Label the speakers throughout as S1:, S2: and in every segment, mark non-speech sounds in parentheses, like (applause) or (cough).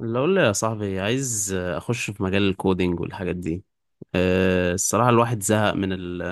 S1: اللي اقول لي يا صاحبي عايز اخش في مجال الكودينج والحاجات دي. الصراحة الواحد زهق من ال...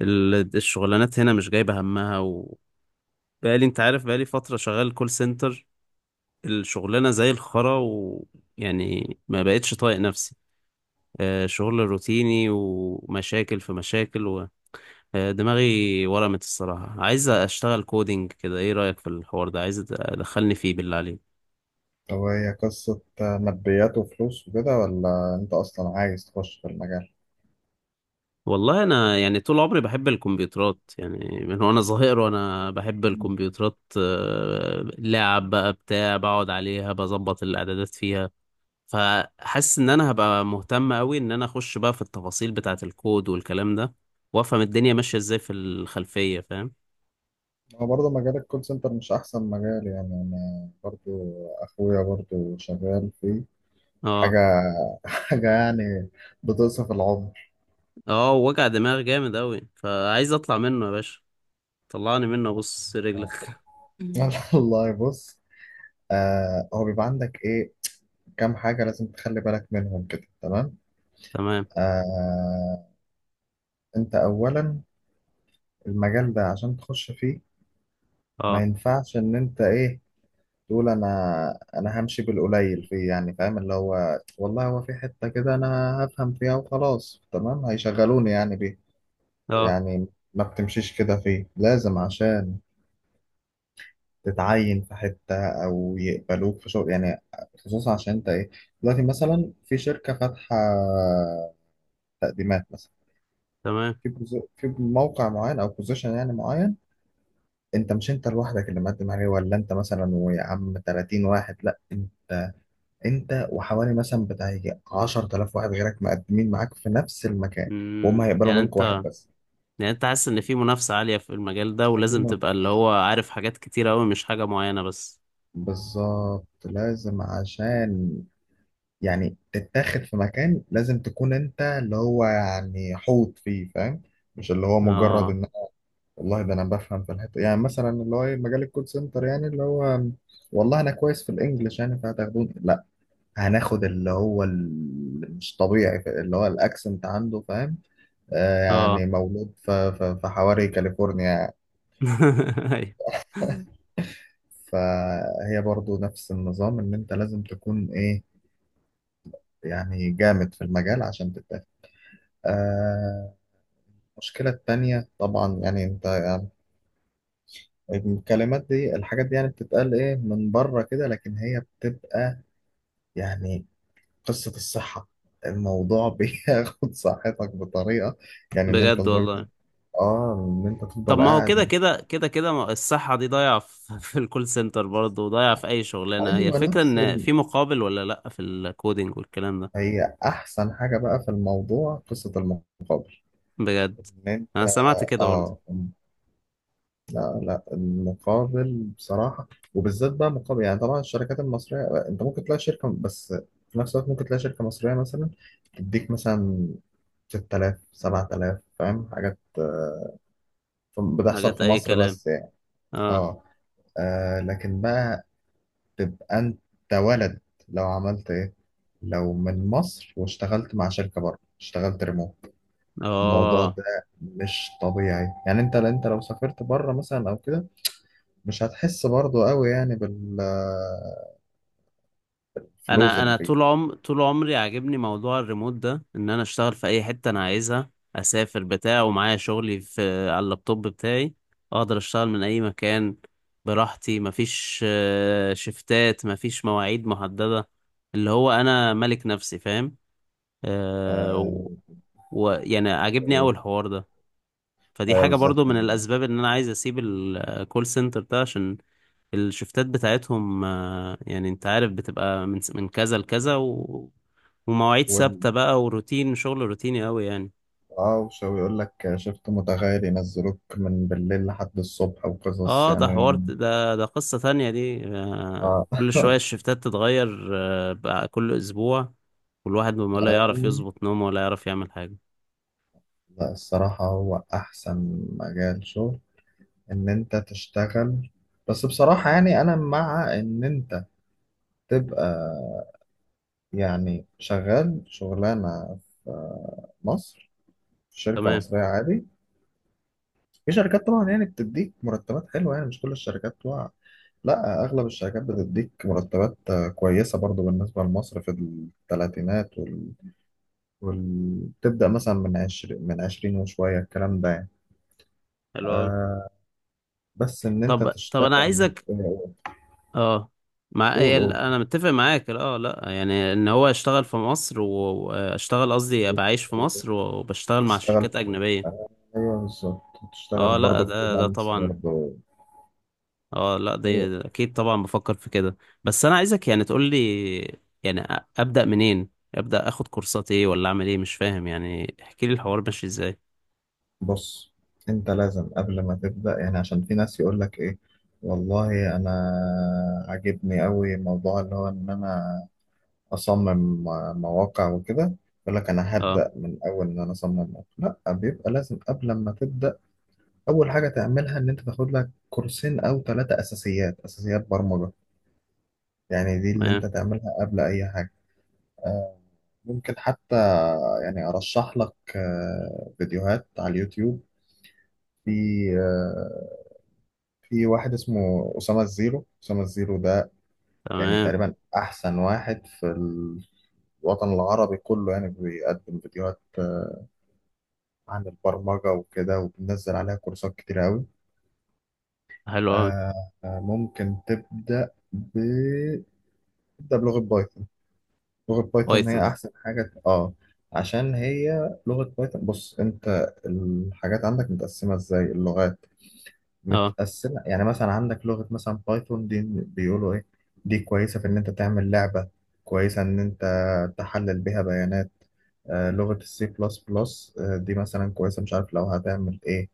S1: ال- الشغلانات هنا مش جايبة همها، وبقالي انت عارف بقالي فترة شغال كول سنتر. الشغلانة زي الخرا، ويعني ما بقتش طايق نفسي. شغل روتيني، ومشاكل في مشاكل و... دماغي ورمت. الصراحة عايز اشتغل كودينج كده، ايه رأيك في الحوار ده؟ عايز ادخلني فيه بالله عليك.
S2: هو هي قصة ماديات وفلوس وكده ولا أنت أصلا عايز تخش في المجال؟
S1: والله انا يعني طول عمري بحب الكمبيوترات يعني، من وانا صغير وانا بحب
S2: مم.
S1: الكمبيوترات. لعب بقى، بتاع، بقعد عليها بظبط الاعدادات فيها. فحاسس ان انا هبقى مهتم قوي ان انا اخش بقى في التفاصيل بتاعه الكود والكلام ده، وافهم الدنيا ماشيه ازاي في الخلفيه، فاهم؟
S2: هو برضه مجال الكول سنتر مش أحسن مجال، يعني أنا برضه أخويا برضه شغال فيه حاجة
S1: اه.
S2: (laughs) حاجة يعني، بتوصف العمر.
S1: اه، وجع دماغ جامد قوي، فعايز اطلع منه يا باشا. طلعني منه، بص رجلك.
S2: (laughs)
S1: (laughs)
S2: والله بص، آه، هو بيبقى عندك إيه كام حاجة لازم تخلي بالك منهم كده، تمام؟
S1: تمام.
S2: آه، أنت أولا المجال ده عشان تخش فيه ما
S1: اه.
S2: ينفعش إن أنت إيه تقول انا همشي بالقليل فيه، يعني فاهم اللي هو والله هو في حتة كده انا هفهم فيها وخلاص تمام هيشغلوني يعني بيه.
S1: اه،
S2: يعني ما بتمشيش كده فيه، لازم عشان تتعين في حتة او يقبلوك في شغل يعني، خصوصا عشان انت ايه دلوقتي مثلا في شركة فاتحة تقديمات مثلا
S1: تمام.
S2: في في موقع معين او بوزيشن يعني معين. انت مش انت لوحدك اللي مقدم عليه، ولا انت مثلا ويا عم 30 واحد، لا، انت وحوالي مثلا بتاع يجي 10,000 واحد غيرك مقدمين معاك في نفس المكان، وهم هيقبلوا
S1: يعني
S2: منك واحد
S1: انت،
S2: بس.
S1: يعني انت حاسس ان في منافسة عالية في المجال ده، ولازم
S2: المهم،
S1: تبقى اللي هو عارف حاجات كتير قوي، مش حاجة معينة بس؟
S2: بالظبط لازم عشان يعني تتاخد في مكان لازم تكون انت اللي هو يعني حوط فيه، فاهم؟ مش اللي هو مجرد
S1: اه.
S2: ان والله ده انا بفهم في الحته، يعني مثلا اللي هو ايه مجال الكول سنتر، يعني اللي هو والله انا كويس في الانجليش يعني فهتاخدوني. لا، هناخد اللي هو اللي مش طبيعي اللي هو الاكسنت عنده، فاهم؟
S1: اه.
S2: يعني مولود في حواري كاليفورنيا يعني.
S1: (laughs) أيوة.
S2: فهي برضو نفس النظام ان انت لازم تكون ايه، يعني جامد في المجال عشان تتاخد. آه، المشكلة التانية طبعا يعني انت يعني الكلمات دي الحاجات دي يعني بتتقال ايه من بره كده، لكن هي بتبقى يعني قصة الصحة. الموضوع (laughs) بياخد صحتك بطريقة يعني، ان انت
S1: بجد
S2: لدرجة،
S1: والله.
S2: اه، ان انت
S1: طب
S2: تفضل
S1: ما هو كده
S2: قاعد.
S1: كده كده كده الصحة دي ضايعة في (laughs) في الكول سنتر برضه، وضايعة في أي شغلانة. هي
S2: ايوه
S1: الفكرة
S2: نفس،
S1: إن في مقابل ولا لأ في الكودينج والكلام ده؟
S2: هي احسن حاجه بقى في الموضوع قصه المقابل،
S1: بجد؟
S2: ان انت،
S1: أنا سمعت كده برضه.
S2: اه، لا المقابل بصراحه، وبالذات بقى مقابل، يعني طبعا الشركات المصريه انت ممكن تلاقي شركه، بس في نفس الوقت ممكن تلاقي شركه مصريه مثلا تديك مثلا 6,000 7,000 فاهم، حاجات بتحصل
S1: حاجات
S2: في
S1: أي
S2: مصر
S1: كلام.
S2: بس يعني.
S1: اه.
S2: اه، لكن بقى تبقى انت ولد، لو عملت ايه، لو من مصر واشتغلت مع شركة بره، اشتغلت ريموت. الموضوع
S1: اه.
S2: ده مش طبيعي يعني، انت لو سافرت بره مثلا او كده مش هتحس برضه قوي يعني بالفلوس
S1: انا
S2: اللي
S1: انا
S2: فيه.
S1: طول طول عمري عاجبني موضوع الريموت ده، ان انا اشتغل في اي حته انا عايزها، اسافر بتاع ومعايا شغلي في على اللابتوب بتاعي، اقدر اشتغل من اي مكان براحتي. مفيش شفتات، مفيش مواعيد محدده، اللي هو انا ملك نفسي، فاهم؟ أه و-
S2: آه،
S1: ويعني عاجبني اول حوار ده. فدي
S2: ايوه
S1: حاجه
S2: بالظبط
S1: برضو من
S2: يعني.
S1: الاسباب ان انا عايز اسيب الكول سنتر ده، عشان الشفتات بتاعتهم، يعني انت عارف بتبقى من كذا لكذا و... ومواعيد
S2: وال...
S1: ثابتة بقى، وروتين، شغل روتيني قوي يعني.
S2: اه وشو يقول لك شفت متغير ينزلوك من بالليل لحد الصبح وقصص
S1: اه، ده
S2: يعني.
S1: حوار، ده قصة تانية دي. آه،
S2: اه
S1: كل شوية
S2: (laughs)
S1: الشفتات تتغير، آه، بقى كل اسبوع. والواحد ما لا يعرف يظبط نومه ولا يعرف يعمل حاجة.
S2: لا الصراحة هو أحسن مجال شغل إن أنت تشتغل، بس بصراحة يعني أنا مع إن أنت تبقى يعني شغال شغلانة في مصر في شركة
S1: تمام.
S2: مصرية عادي. في شركات طبعا يعني بتديك مرتبات حلوة، يعني مش كل الشركات بتوع، لا أغلب الشركات بتديك مرتبات كويسة برضو بالنسبة لمصر، في الثلاثينات تبدأ مثلا من عشرين وشوية الكلام ده يعني.
S1: حلو قوي.
S2: آه، بس إن أنت
S1: طب انا
S2: تشتغل،
S1: عايزك،
S2: آه،
S1: اه، مع
S2: قول
S1: إيه،
S2: قول.
S1: انا متفق معاك. اه، لا يعني ان هو اشتغل في مصر واشتغل، قصدي ابقى عايش في
S2: قول.
S1: مصر وبشتغل مع
S2: وتشتغل،
S1: شركات اجنبية.
S2: آه، أيوه بالظبط، تشتغل
S1: اه، لا،
S2: برضه
S1: ده
S2: فريلانس
S1: طبعا.
S2: برضه.
S1: اه، لا، ده اكيد طبعا بفكر في كده. بس انا عايزك يعني تقول لي يعني، ابدا منين؟ ابدا اخد كورسات ايه، ولا اعمل ايه؟ مش فاهم يعني، احكي لي الحوار ماشي ازاي.
S2: بص انت لازم قبل ما تبدأ، يعني عشان في ناس يقول لك ايه، والله انا عاجبني قوي موضوع اللي هو ان انا اصمم مواقع وكده، يقول لك انا
S1: اه.
S2: هبدأ من اول ان انا اصمم مواقع. لا، بيبقى لازم قبل ما تبدأ اول حاجة تعملها ان انت تاخد لك كورسين او ثلاثة اساسيات برمجة، يعني دي اللي
S1: تمام.
S2: انت تعملها قبل اي حاجة. آه، ممكن حتى يعني ارشح لك فيديوهات على اليوتيوب، في آه، في واحد اسمه أسامة الزيرو. أسامة الزيرو ده يعني
S1: تمام.
S2: تقريبا أحسن واحد في الوطن العربي كله، يعني بيقدم فيديوهات عن البرمجة وكده، وبنزل عليها كورسات كتير أوي.
S1: حلو قوي.
S2: آه، ممكن تبدأ بلغة بايثون. لغة بايثون
S1: بايثون؟
S2: هي أحسن حاجة، آه، عشان هي لغة بايثون. بص، أنت الحاجات عندك متقسمة إزاي، اللغات
S1: اه،
S2: متقسمة يعني مثلا، عندك لغة مثلا بايثون، دي بيقولوا إيه، دي كويسة في إن أنت تعمل لعبة، كويسة إن أنت تحلل بيها بيانات. لغة السي بلس بلس دي مثلا كويسة، مش عارف لو هتعمل إيه.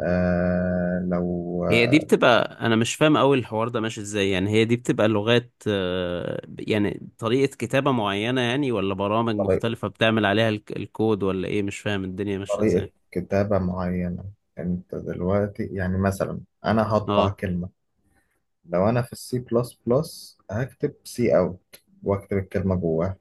S2: آه، لو
S1: هي دي
S2: آه،
S1: بتبقى، انا مش فاهم قوي الحوار ده ماشي ازاي. يعني هي دي بتبقى لغات، يعني طريقة كتابة معينة يعني، ولا برامج
S2: طريقة
S1: مختلفة بتعمل عليها الكود، ولا ايه؟ مش فاهم الدنيا ماشية ازاي.
S2: طريقة كتابة معينة. أنت دلوقتي يعني مثلا أنا هطبع
S1: اه.
S2: كلمة، لو أنا في السي بلس بلس هكتب سي أوت وأكتب الكلمة جواها،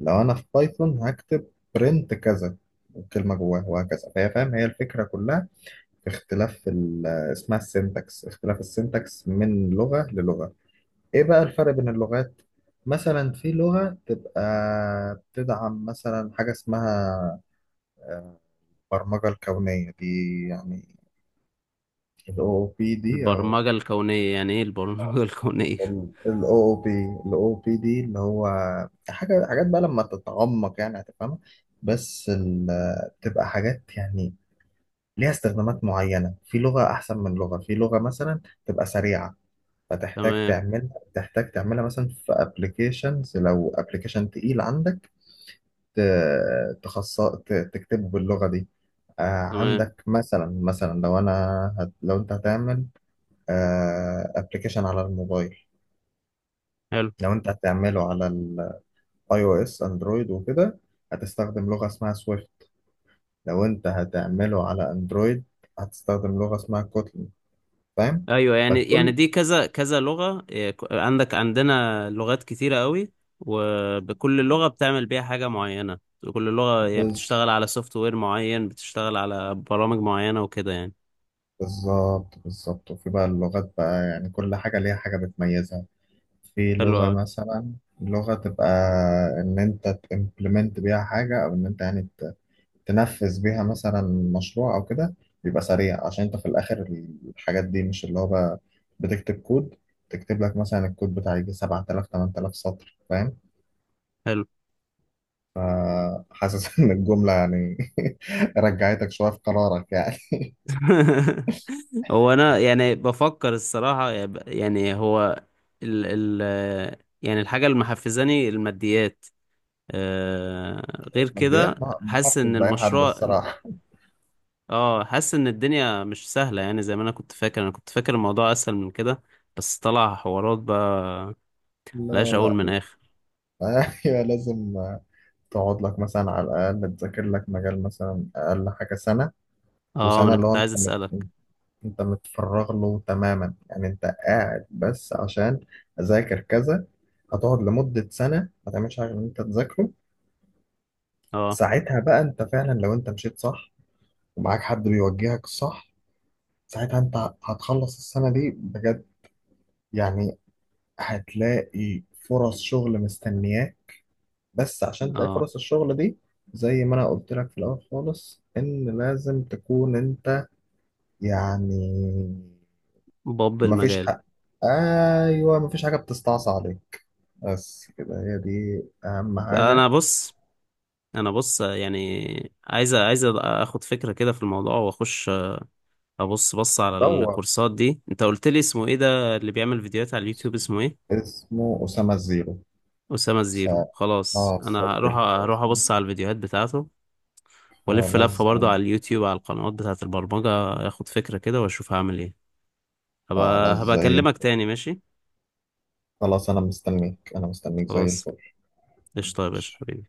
S2: لو انا في بايثون هكتب print كذا والكلمه جواه، وهكذا. فهي، فاهم، هي الفكره كلها في اختلاف اسمها السنتكس، اختلاف السنتكس من لغه للغه. ايه بقى الفرق بين اللغات؟ مثلا في لغه تبقى بتدعم مثلا حاجه اسمها البرمجه الكونيه دي يعني، ال OOP دي او
S1: البرمجة الكونية يعني ايه البرمجة (laughs) الكونية؟
S2: ال OOP، ال OOP دي اللي هو حاجات بقى لما تتعمق يعني هتفهمها، بس بتبقى حاجات يعني ليها استخدامات معينة، في لغة أحسن من لغة. في لغة مثلا تبقى سريعة، فتحتاج
S1: تمام.
S2: تعملها، تحتاج تعملها مثلا في ابلكيشنز، لو ابلكيشن تقيل عندك تخصص تكتبه باللغة دي. آه،
S1: تمام.
S2: عندك مثلا، مثلا لو لو انت هتعمل ابلكيشن على الموبايل،
S1: حلو.
S2: لو انت هتعمله على الاي او اس اندرويد وكده هتستخدم لغة اسمها سويفت، لو انت هتعمله على اندرويد هتستخدم لغة اسمها كوتلين، فاهم.
S1: ايوه، يعني يعني
S2: فكل،
S1: دي كذا كذا لغة إيه، عندك، عندنا لغات كتيرة قوي، وبكل لغة بتعمل بيها حاجة معينة. كل لغة يعني
S2: بز...
S1: بتشتغل على سوفت وير معين، بتشتغل على برامج معينة وكده يعني.
S2: بالظبط بالظبط. وفي بقى اللغات بقى، يعني كل حاجة ليها حاجة بتميزها. في
S1: حلو
S2: لغة
S1: قوي.
S2: مثلا، لغة تبقى إن أنت تمبلمنت بيها حاجة أو إن أنت يعني تنفذ بيها مثلا مشروع أو كده، بيبقى سريع عشان أنت في الآخر الحاجات دي مش اللي هو بقى بتكتب كود، تكتب لك مثلا الكود بتاع يجي 7,000 8,000 سطر، فاهم.
S1: حلو.
S2: حاسس (laughs) إن الجملة يعني (laughs) رجعتك شوية في قرارك يعني. (laughs)
S1: (laughs) هو انا يعني بفكر الصراحة يعني يعني هو، ال ال يعني الحاجة اللي محفزاني الماديات، آه، غير
S2: ماديات،
S1: كده
S2: ما
S1: حاسس
S2: حدش
S1: ان
S2: بقى حد
S1: المشروع،
S2: الصراحة.
S1: اه، حاسس ان الدنيا مش سهلة يعني، زي ما انا كنت فاكر، انا كنت فاكر الموضوع اسهل من كده، بس طلع حوارات بقى
S2: لا
S1: ملهاش اول
S2: لا.
S1: من اخر.
S2: (laughs) ايوه، لازم تقعد لك مثلا على الاقل تذاكر لك مجال مثلا اقل حاجه سنه،
S1: اه، ما
S2: وسنه
S1: انا
S2: اللي هو
S1: كنت
S2: انت
S1: عايز اسألك.
S2: انت متفرغ له تماما، يعني انت قاعد بس عشان اذاكر كذا، هتقعد لمده سنه ما تعملش حاجه غير ان انت تذاكره.
S1: اه.
S2: ساعتها بقى انت فعلا لو انت مشيت صح ومعاك حد بيوجهك صح، ساعتها انت هتخلص السنه دي بجد، يعني هتلاقي فرص شغل مستنياك. بس عشان تلاقي
S1: اه.
S2: فرص الشغل دي زي ما انا قلت لك في الاول خالص، ان لازم تكون انت يعني
S1: باب
S2: مفيش
S1: المجال.
S2: حق، ايوه مفيش حاجه بتستعصى عليك، بس كده هي دي اهم حاجه.
S1: انا بص، انا بص يعني، عايز اخد فكرة كده في الموضوع، واخش ابص، بص على
S2: دور،
S1: الكورسات دي. انت قلت لي اسمه ايه ده اللي بيعمل فيديوهات على اليوتيوب، اسمه ايه؟
S2: اسمه اسامه الزيرو.
S1: أسامة
S2: س...
S1: الزيرو. خلاص،
S2: اه
S1: أنا هروح
S2: سجل كده
S1: هروح
S2: اسمه.
S1: أبص على الفيديوهات بتاعته، والف
S2: خلاص
S1: لفة برضو
S2: زي
S1: على اليوتيوب على القنوات بتاعة البرمجة. اخد فكرة كده واشوف هعمل ايه. هبقى
S2: خلاص
S1: هبقى
S2: زي،
S1: اكلمك تاني، ماشي؟
S2: خلاص انا مستنيك، انا مستنيك زي
S1: خلاص.
S2: الفل.
S1: قشطة يا باشا
S2: ماشي.
S1: حبيبي.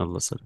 S1: الله، سلام.